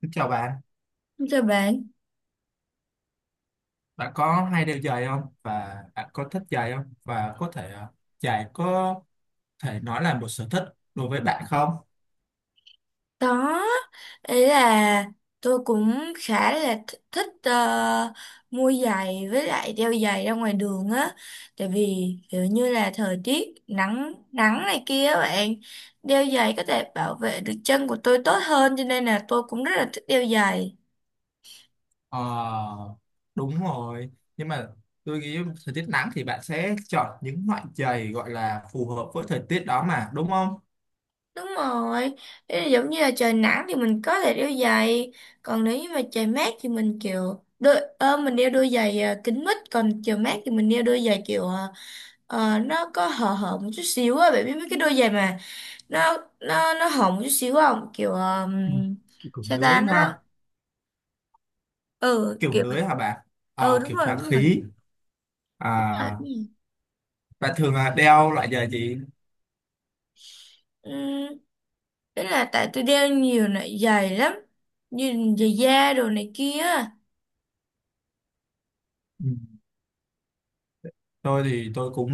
Kính chào bạn, Thưa bạn, bạn có hay đeo giày không, và bạn có thích giày không, và có thể giày có thể nói là một sở thích đối với bạn không? có. Ý là tôi cũng khá là thích, mua giày với lại đeo giày ra ngoài đường á. Tại vì kiểu như là thời tiết nắng nắng này kia á bạn, đeo giày có thể bảo vệ được chân của tôi tốt hơn, cho nên là tôi cũng rất là thích đeo giày. Ờ, đúng rồi, nhưng mà tôi nghĩ thời tiết nắng thì bạn sẽ chọn những loại giày gọi là phù hợp với thời tiết đó mà, đúng không? Đúng rồi, ý là giống như là trời nắng thì mình có thể đeo giày, còn nếu như mà trời mát thì mình kiểu đôi, mình đeo đôi giày à, kính mít, còn trời mát thì mình đeo đôi giày kiểu à, ờ, nó có hở hở một chút xíu á, bạn biết mấy cái đôi giày mà nó hở một chút xíu không? Kiểu Ừ. Kiểu sao ta lưới nó, ha, ừ kiểu kiểu, lưới hả bạn? ừ Ờ, đúng kiểu rồi thoáng đúng rồi. khí. À, À, đúng rồi. bạn thường đeo loại giày gì? Ừm, Ý là tại tôi đeo nhiều loại giày lắm, như giày da đồ này kia. Ừ. Tôi thì tôi cũng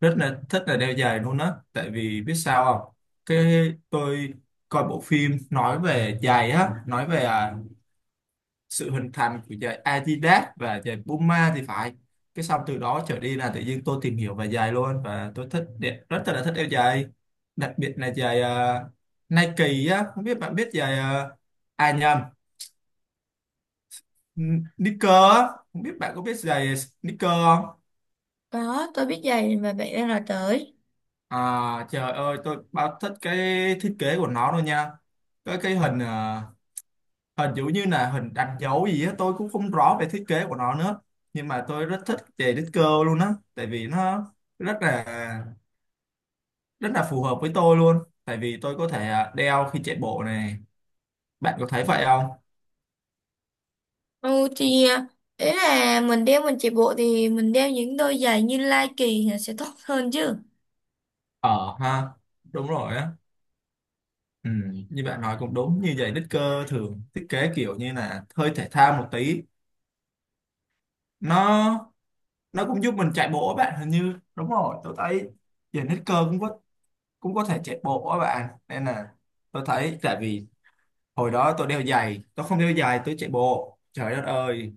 rất là thích là đeo giày luôn á, tại vì biết sao không, cái tôi coi bộ phim nói về giày á, nói về sự hình thành của giày Adidas và giày Puma thì phải, cái xong từ đó trở đi là tự nhiên tôi tìm hiểu về giày luôn, và tôi thích rất là thích đeo giày, đặc biệt là giày Nike á, không biết bạn biết giày à nhầm Sneaker á, không biết bạn có biết giày sneaker không. Có, tôi biết giày mà bạn đang nói tới. À trời ơi, tôi bao thích cái thiết kế của nó luôn nha. Cái hình hình giống như là hình đánh dấu gì á, tôi cũng không rõ về thiết kế của nó nữa. Nhưng mà tôi rất thích về đích cơ luôn á. Tại vì nó rất là rất là phù hợp với tôi luôn. Tại vì tôi có thể đeo khi chạy bộ này. Bạn có thấy vậy không? Ừ thì à, ý là mình đeo mình chạy bộ thì mình đeo những đôi giày như Nike thì sẽ tốt hơn chứ. Ờ ha, đúng rồi á, ừ, như bạn nói cũng đúng, như vậy đích cơ thường thiết kế kiểu như là hơi thể thao một tí, nó nó cũng giúp mình chạy bộ á bạn, hình như đúng rồi, tôi thấy giờ hết cơ cũng có, cũng có thể chạy bộ á bạn, nên là tôi thấy tại vì hồi đó tôi đeo giày, tôi không đeo giày tôi chạy bộ, trời đất ơi,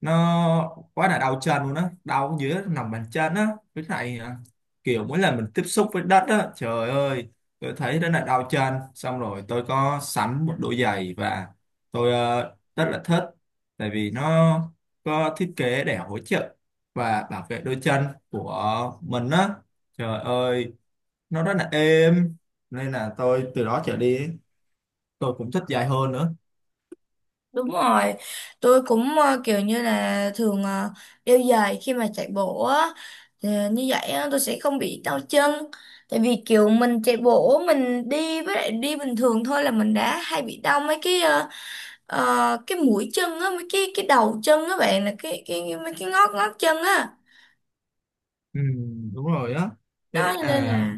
nó quá là đau chân luôn á, đau dưới lòng bàn chân á. Với lại kiểu mỗi lần mình tiếp xúc với đất á, trời ơi tôi thấy rất là đau chân, xong rồi tôi có sắm một đôi giày và tôi rất là thích, tại vì nó có thiết kế để hỗ trợ và bảo vệ đôi chân của mình á. Trời ơi, nó rất là êm, nên là tôi từ đó trở đi tôi cũng thích giày hơn nữa. Đúng rồi, tôi cũng à, kiểu như là thường à, đeo giày khi mà chạy bộ á, thì như vậy á, tôi sẽ không bị đau chân. Tại vì kiểu mình chạy bộ mình đi với lại đi bình thường thôi là mình đã hay bị đau mấy cái cái mũi chân á, mấy cái đầu chân á bạn, là cái mấy cái ngót ngót chân á. Ừ, đúng rồi á, thế Đó cho nên là là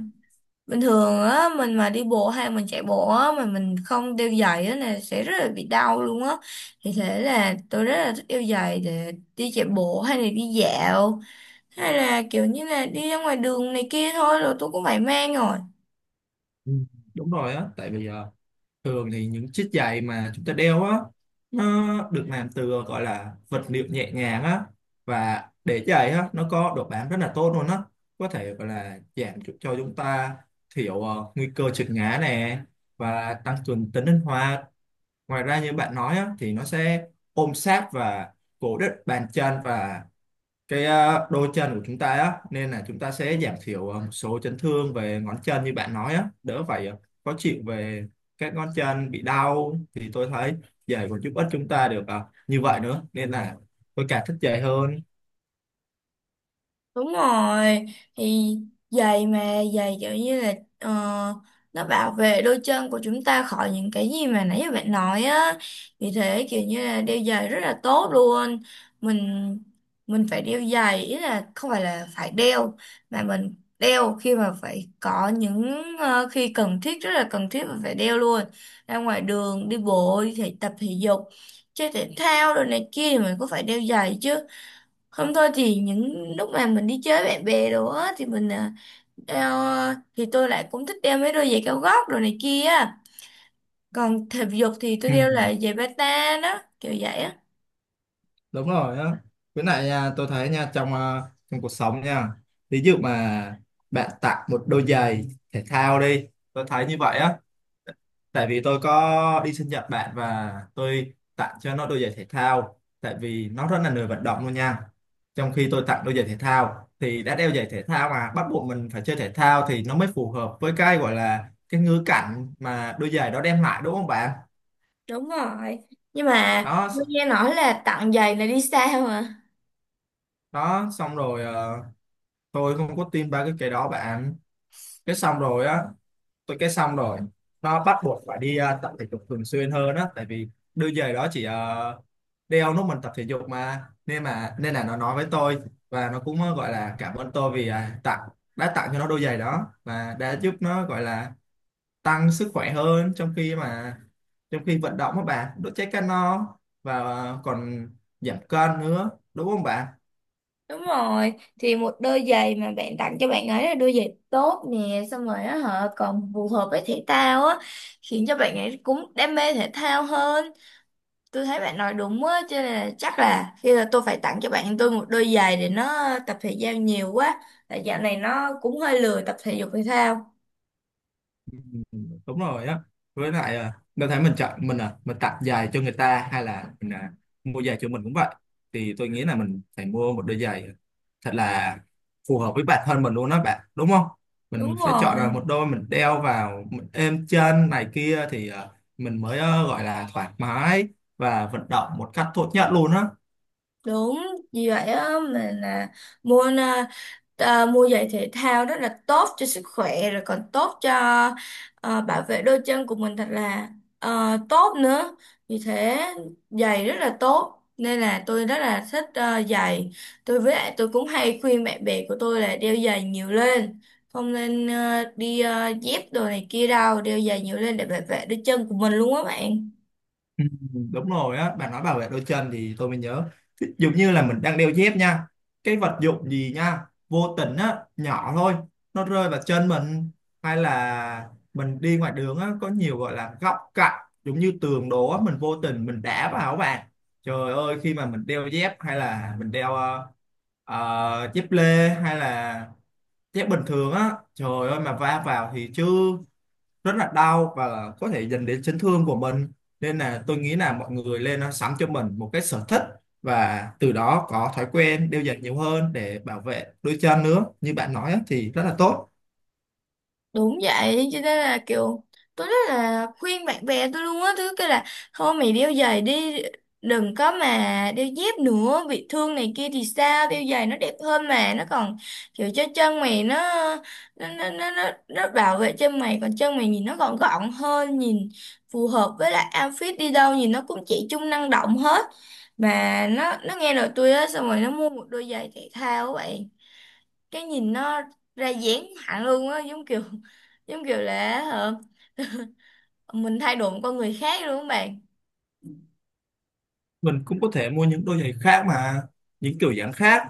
bình thường á mình mà đi bộ hay mình chạy bộ á mà mình không đeo giày á là sẽ rất là bị đau luôn á, thì thế là tôi rất là thích đeo giày để đi chạy bộ hay là đi dạo hay là kiểu như là đi ra ngoài đường này kia thôi, rồi tôi cũng phải mang rồi. ừ, đúng rồi á, tại vì thường thì những chiếc giày mà chúng ta đeo á, nó được làm từ gọi là vật liệu nhẹ nhàng á, và để giày á nó có độ bám rất là tốt luôn á, có thể gọi là giảm cho chúng ta thiểu nguy cơ trượt ngã nè, và tăng cường tính linh hoạt. Ngoài ra như bạn nói á, thì nó sẽ ôm sát và cố định bàn chân, và cái đôi chân của chúng ta á, nên là chúng ta sẽ giảm thiểu một số chấn thương về ngón chân, như bạn nói á đỡ phải khó chịu về các ngón chân bị đau, thì tôi thấy giày còn giúp ích chúng ta được như vậy nữa, nên là tôi càng thích giày hơn. Đúng rồi, thì giày mà giày kiểu như là ờ, nó bảo vệ đôi chân của chúng ta khỏi những cái gì mà nãy giờ bạn nói á. Vì thế kiểu như là đeo giày rất là tốt luôn. Mình mình phải đeo giày, ý là không phải là phải đeo, mà mình đeo khi mà phải có những ờ, khi cần thiết, rất là cần thiết mà phải đeo luôn. Ra ngoài đường đi bộ, đi thể tập thể dục, chơi thể thao rồi này kia thì mình cũng phải đeo giày chứ. Không thôi thì những lúc mà mình đi chơi với bạn bè đồ á thì mình à, đeo à, thì tôi lại cũng thích đeo mấy đôi giày cao gót đồ này kia á. Còn thể dục thì tôi Ừ, đeo là giày bata đó, kiểu vậy á. đúng rồi á, với lại nha, tôi thấy nha trong trong cuộc sống nha, ví dụ mà bạn tặng một đôi giày thể thao đi, tôi thấy như vậy á, tại vì tôi có đi sinh nhật bạn và tôi tặng cho nó đôi giày thể thao, tại vì nó rất là lười vận động luôn nha. Trong khi tôi tặng đôi giày thể thao thì đã đeo giày thể thao mà bắt buộc mình phải chơi thể thao, thì nó mới phù hợp với cái gọi là cái ngữ cảnh mà đôi giày đó đem lại, đúng không bạn? Đúng rồi. Nhưng mà Đó tôi nghe nói là tặng giày là đi xa mà. đó, xong rồi tôi không có tin ba cái đó bạn, cái xong rồi á, tôi cái xong rồi, nó bắt buộc phải đi tập thể dục thường xuyên hơn á, tại vì đôi giày đó chỉ đeo lúc mình tập thể dục mà, nên nên là nó nói với tôi, và nó cũng gọi là cảm ơn tôi vì tặng đã tặng cho nó đôi giày đó, và đã giúp nó gọi là tăng sức khỏe hơn, trong khi mà trong khi vận động các bạn đốt cháy calo và còn giảm cân nữa, đúng không bạn? Đúng rồi. Thì một đôi giày mà bạn tặng cho bạn ấy là đôi giày tốt nè, xong rồi á họ còn phù hợp với thể thao á, khiến cho bạn ấy cũng đam mê thể thao hơn. Tôi thấy bạn nói đúng á, cho nên là chắc là khi là tôi phải tặng cho bạn tôi một đôi giày để nó tập thể giao nhiều quá, tại dạo này nó cũng hơi lười tập thể dục thể thao. Ừ, đúng rồi á, với lại đâu thấy mình chọn mình mình tặng giày cho người ta, hay là mình mua giày cho mình cũng vậy, thì tôi nghĩ là mình phải mua một đôi giày thật là phù hợp với bản thân mình luôn đó bạn, đúng không? Đúng Mình phải chọn là rồi. một đôi mình đeo vào mình êm chân này kia, thì mình mới gọi là thoải mái và vận động một cách tốt nhất luôn á. Đúng, vì vậy á mình là mua à, mua giày thể thao rất là tốt cho sức khỏe, rồi còn tốt cho à, bảo vệ đôi chân của mình thật là à, tốt nữa. Vì thế giày rất là tốt nên là tôi rất là thích à, giày. Tôi với lại tôi cũng hay khuyên bạn bè của tôi là đeo giày nhiều lên, không nên à, đi à, dép đồ này kia đâu, đeo giày nhiều lên để bảo vệ đôi chân của mình luôn á bạn. Ừ, đúng rồi á, bạn nói bảo vệ đôi chân thì tôi mới nhớ. Ví dụ như là mình đang đeo dép nha, cái vật dụng gì nha vô tình á nhỏ thôi nó rơi vào chân mình, hay là mình đi ngoài đường á có nhiều gọi là góc cạnh giống như tường đổ á, mình vô tình mình đá vào các bạn, trời ơi khi mà mình đeo dép hay là mình đeo dép lê hay là dép bình thường á, trời ơi mà va vào thì chứ rất là đau, và có thể dẫn đến chấn thương của mình, nên là tôi nghĩ là mọi người lên nó sắm cho mình một cái sở thích, và từ đó có thói quen đeo giày nhiều hơn để bảo vệ đôi chân nữa, như bạn nói á, thì rất là tốt. Đúng vậy cho nên là kiểu tôi rất là khuyên bạn bè tôi luôn á, thứ cái là thôi mày đeo giày đi, đừng có mà đeo dép nữa bị thương này kia thì sao, đeo giày nó đẹp hơn mà nó còn kiểu cho chân mày nó, nó bảo vệ chân mày, còn chân mày nhìn nó gọn gọn hơn, nhìn phù hợp với lại outfit, đi đâu nhìn nó cũng trẻ trung năng động hết. Mà nó nghe lời tôi á, xong rồi nó mua một đôi giày thể thao vậy, cái nhìn nó ra dáng hẳn luôn á, giống kiểu là ờ, mình thay đổi một con người khác luôn các bạn. Mình cũng có thể mua những đôi giày khác mà, những kiểu dáng khác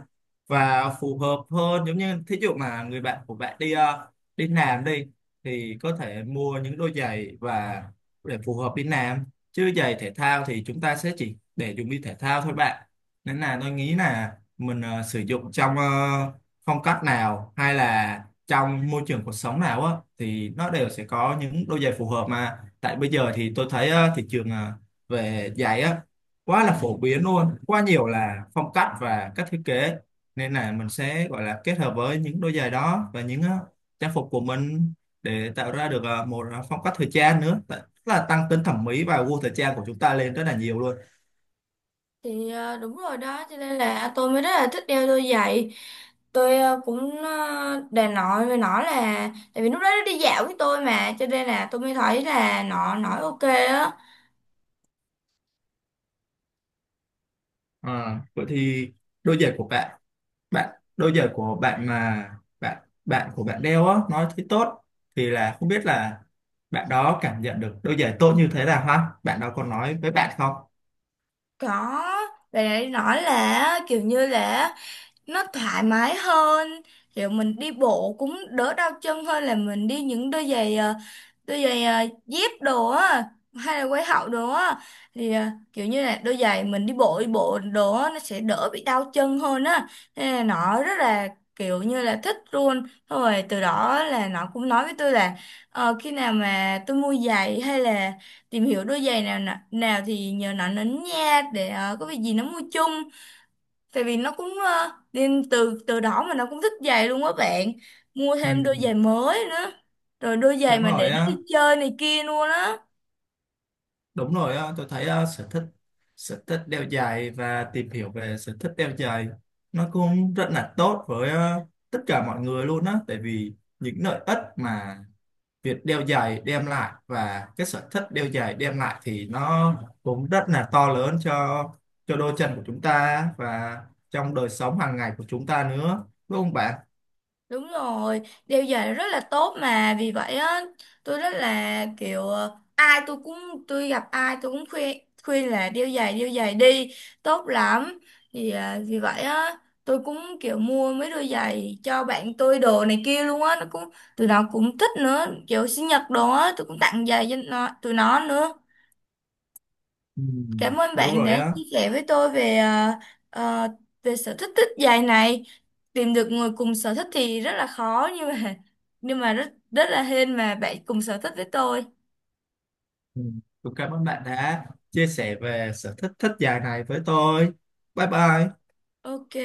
và phù hợp hơn, giống như thí dụ mà người bạn của bạn đi đi làm đi, thì có thể mua những đôi giày và để phù hợp đi làm, chứ giày thể thao thì chúng ta sẽ chỉ để dùng đi thể thao thôi bạn. Nên là tôi nghĩ là mình sử dụng trong phong cách nào hay là trong môi trường cuộc sống nào á, thì nó đều sẽ có những đôi giày phù hợp mà. Tại bây giờ thì tôi thấy thị trường về giày á quá là phổ biến luôn, quá nhiều là phong cách và cách thiết kế, nên là mình sẽ gọi là kết hợp với những đôi giày đó và những trang phục của mình để tạo ra được một phong cách thời trang nữa. Tức là tăng tính thẩm mỹ và gu thời trang của chúng ta lên rất là nhiều luôn. Thì ờ, đúng rồi đó cho nên là tôi mới rất là thích đeo đôi giày. Tôi ờ, cũng ờ, đề nội với nó là tại vì lúc đó nó đi dạo với tôi, mà cho nên là tôi mới thấy là nó nói ok á. Ờ, vậy thì đôi giày của bạn, đôi giày của bạn mà bạn bạn của bạn đeo á nói thấy tốt, thì là không biết là bạn đó cảm nhận được đôi giày tốt như thế nào ha, bạn đó còn nói với bạn không? Có, và nói là kiểu như là nó thoải mái hơn, kiểu mình đi bộ cũng đỡ đau chân hơn là mình đi những đôi giày ờ, dép đồ á hay là quai hậu đồ á, thì ờ, kiểu như là đôi giày mình đi bộ đồ á nó sẽ đỡ bị đau chân hơn á, nên là nó rất là kiểu như là thích luôn. Xong rồi từ đó là nó cũng nói với tôi là ờ, khi nào mà tôi mua giày hay là tìm hiểu đôi giày nào nào, nào thì nhờ nó đến nha, để ờ, có việc gì nó mua chung, tại vì nó cũng ờ, nên từ từ đó mà nó cũng thích giày luôn á bạn, mua Ừ, thêm đôi giày mới nữa, rồi đôi giày đúng mà rồi để nó á. đi chơi này kia luôn á. Đúng rồi á, tôi thấy á, sở thích đeo giày và tìm hiểu về sở thích đeo giày nó cũng rất là tốt với tất cả mọi người luôn á, tại vì những lợi ích mà việc đeo giày đem lại và cái sở thích đeo giày đem lại thì nó cũng rất là to lớn cho đôi chân của chúng ta, và trong đời sống hàng ngày của chúng ta nữa, đúng không bạn? Đúng rồi, đeo giày rất là tốt mà, vì vậy á tôi rất là kiểu ờ, ai tôi cũng, tôi gặp ai tôi cũng khuyên, khuyên là đeo giày đi, tốt lắm. Thì à, vì vậy á tôi cũng kiểu mua mấy đôi giày cho bạn tôi đồ này kia luôn á, nó cũng, tụi nó cũng thích nữa, kiểu sinh nhật đồ á tôi cũng tặng giày cho nó tụi nó nữa. Ừ, Cảm ơn đúng bạn rồi đã á. chia sẻ với tôi về ờ, về sở thích thích dài này. Tìm được người cùng sở thích thì rất là khó, nhưng mà rất rất là hên mà bạn cùng sở thích với tôi. Ừ. Cũng cảm ơn bạn đã chia sẻ về sở thích thích giày này với tôi. Bye bye. Ok.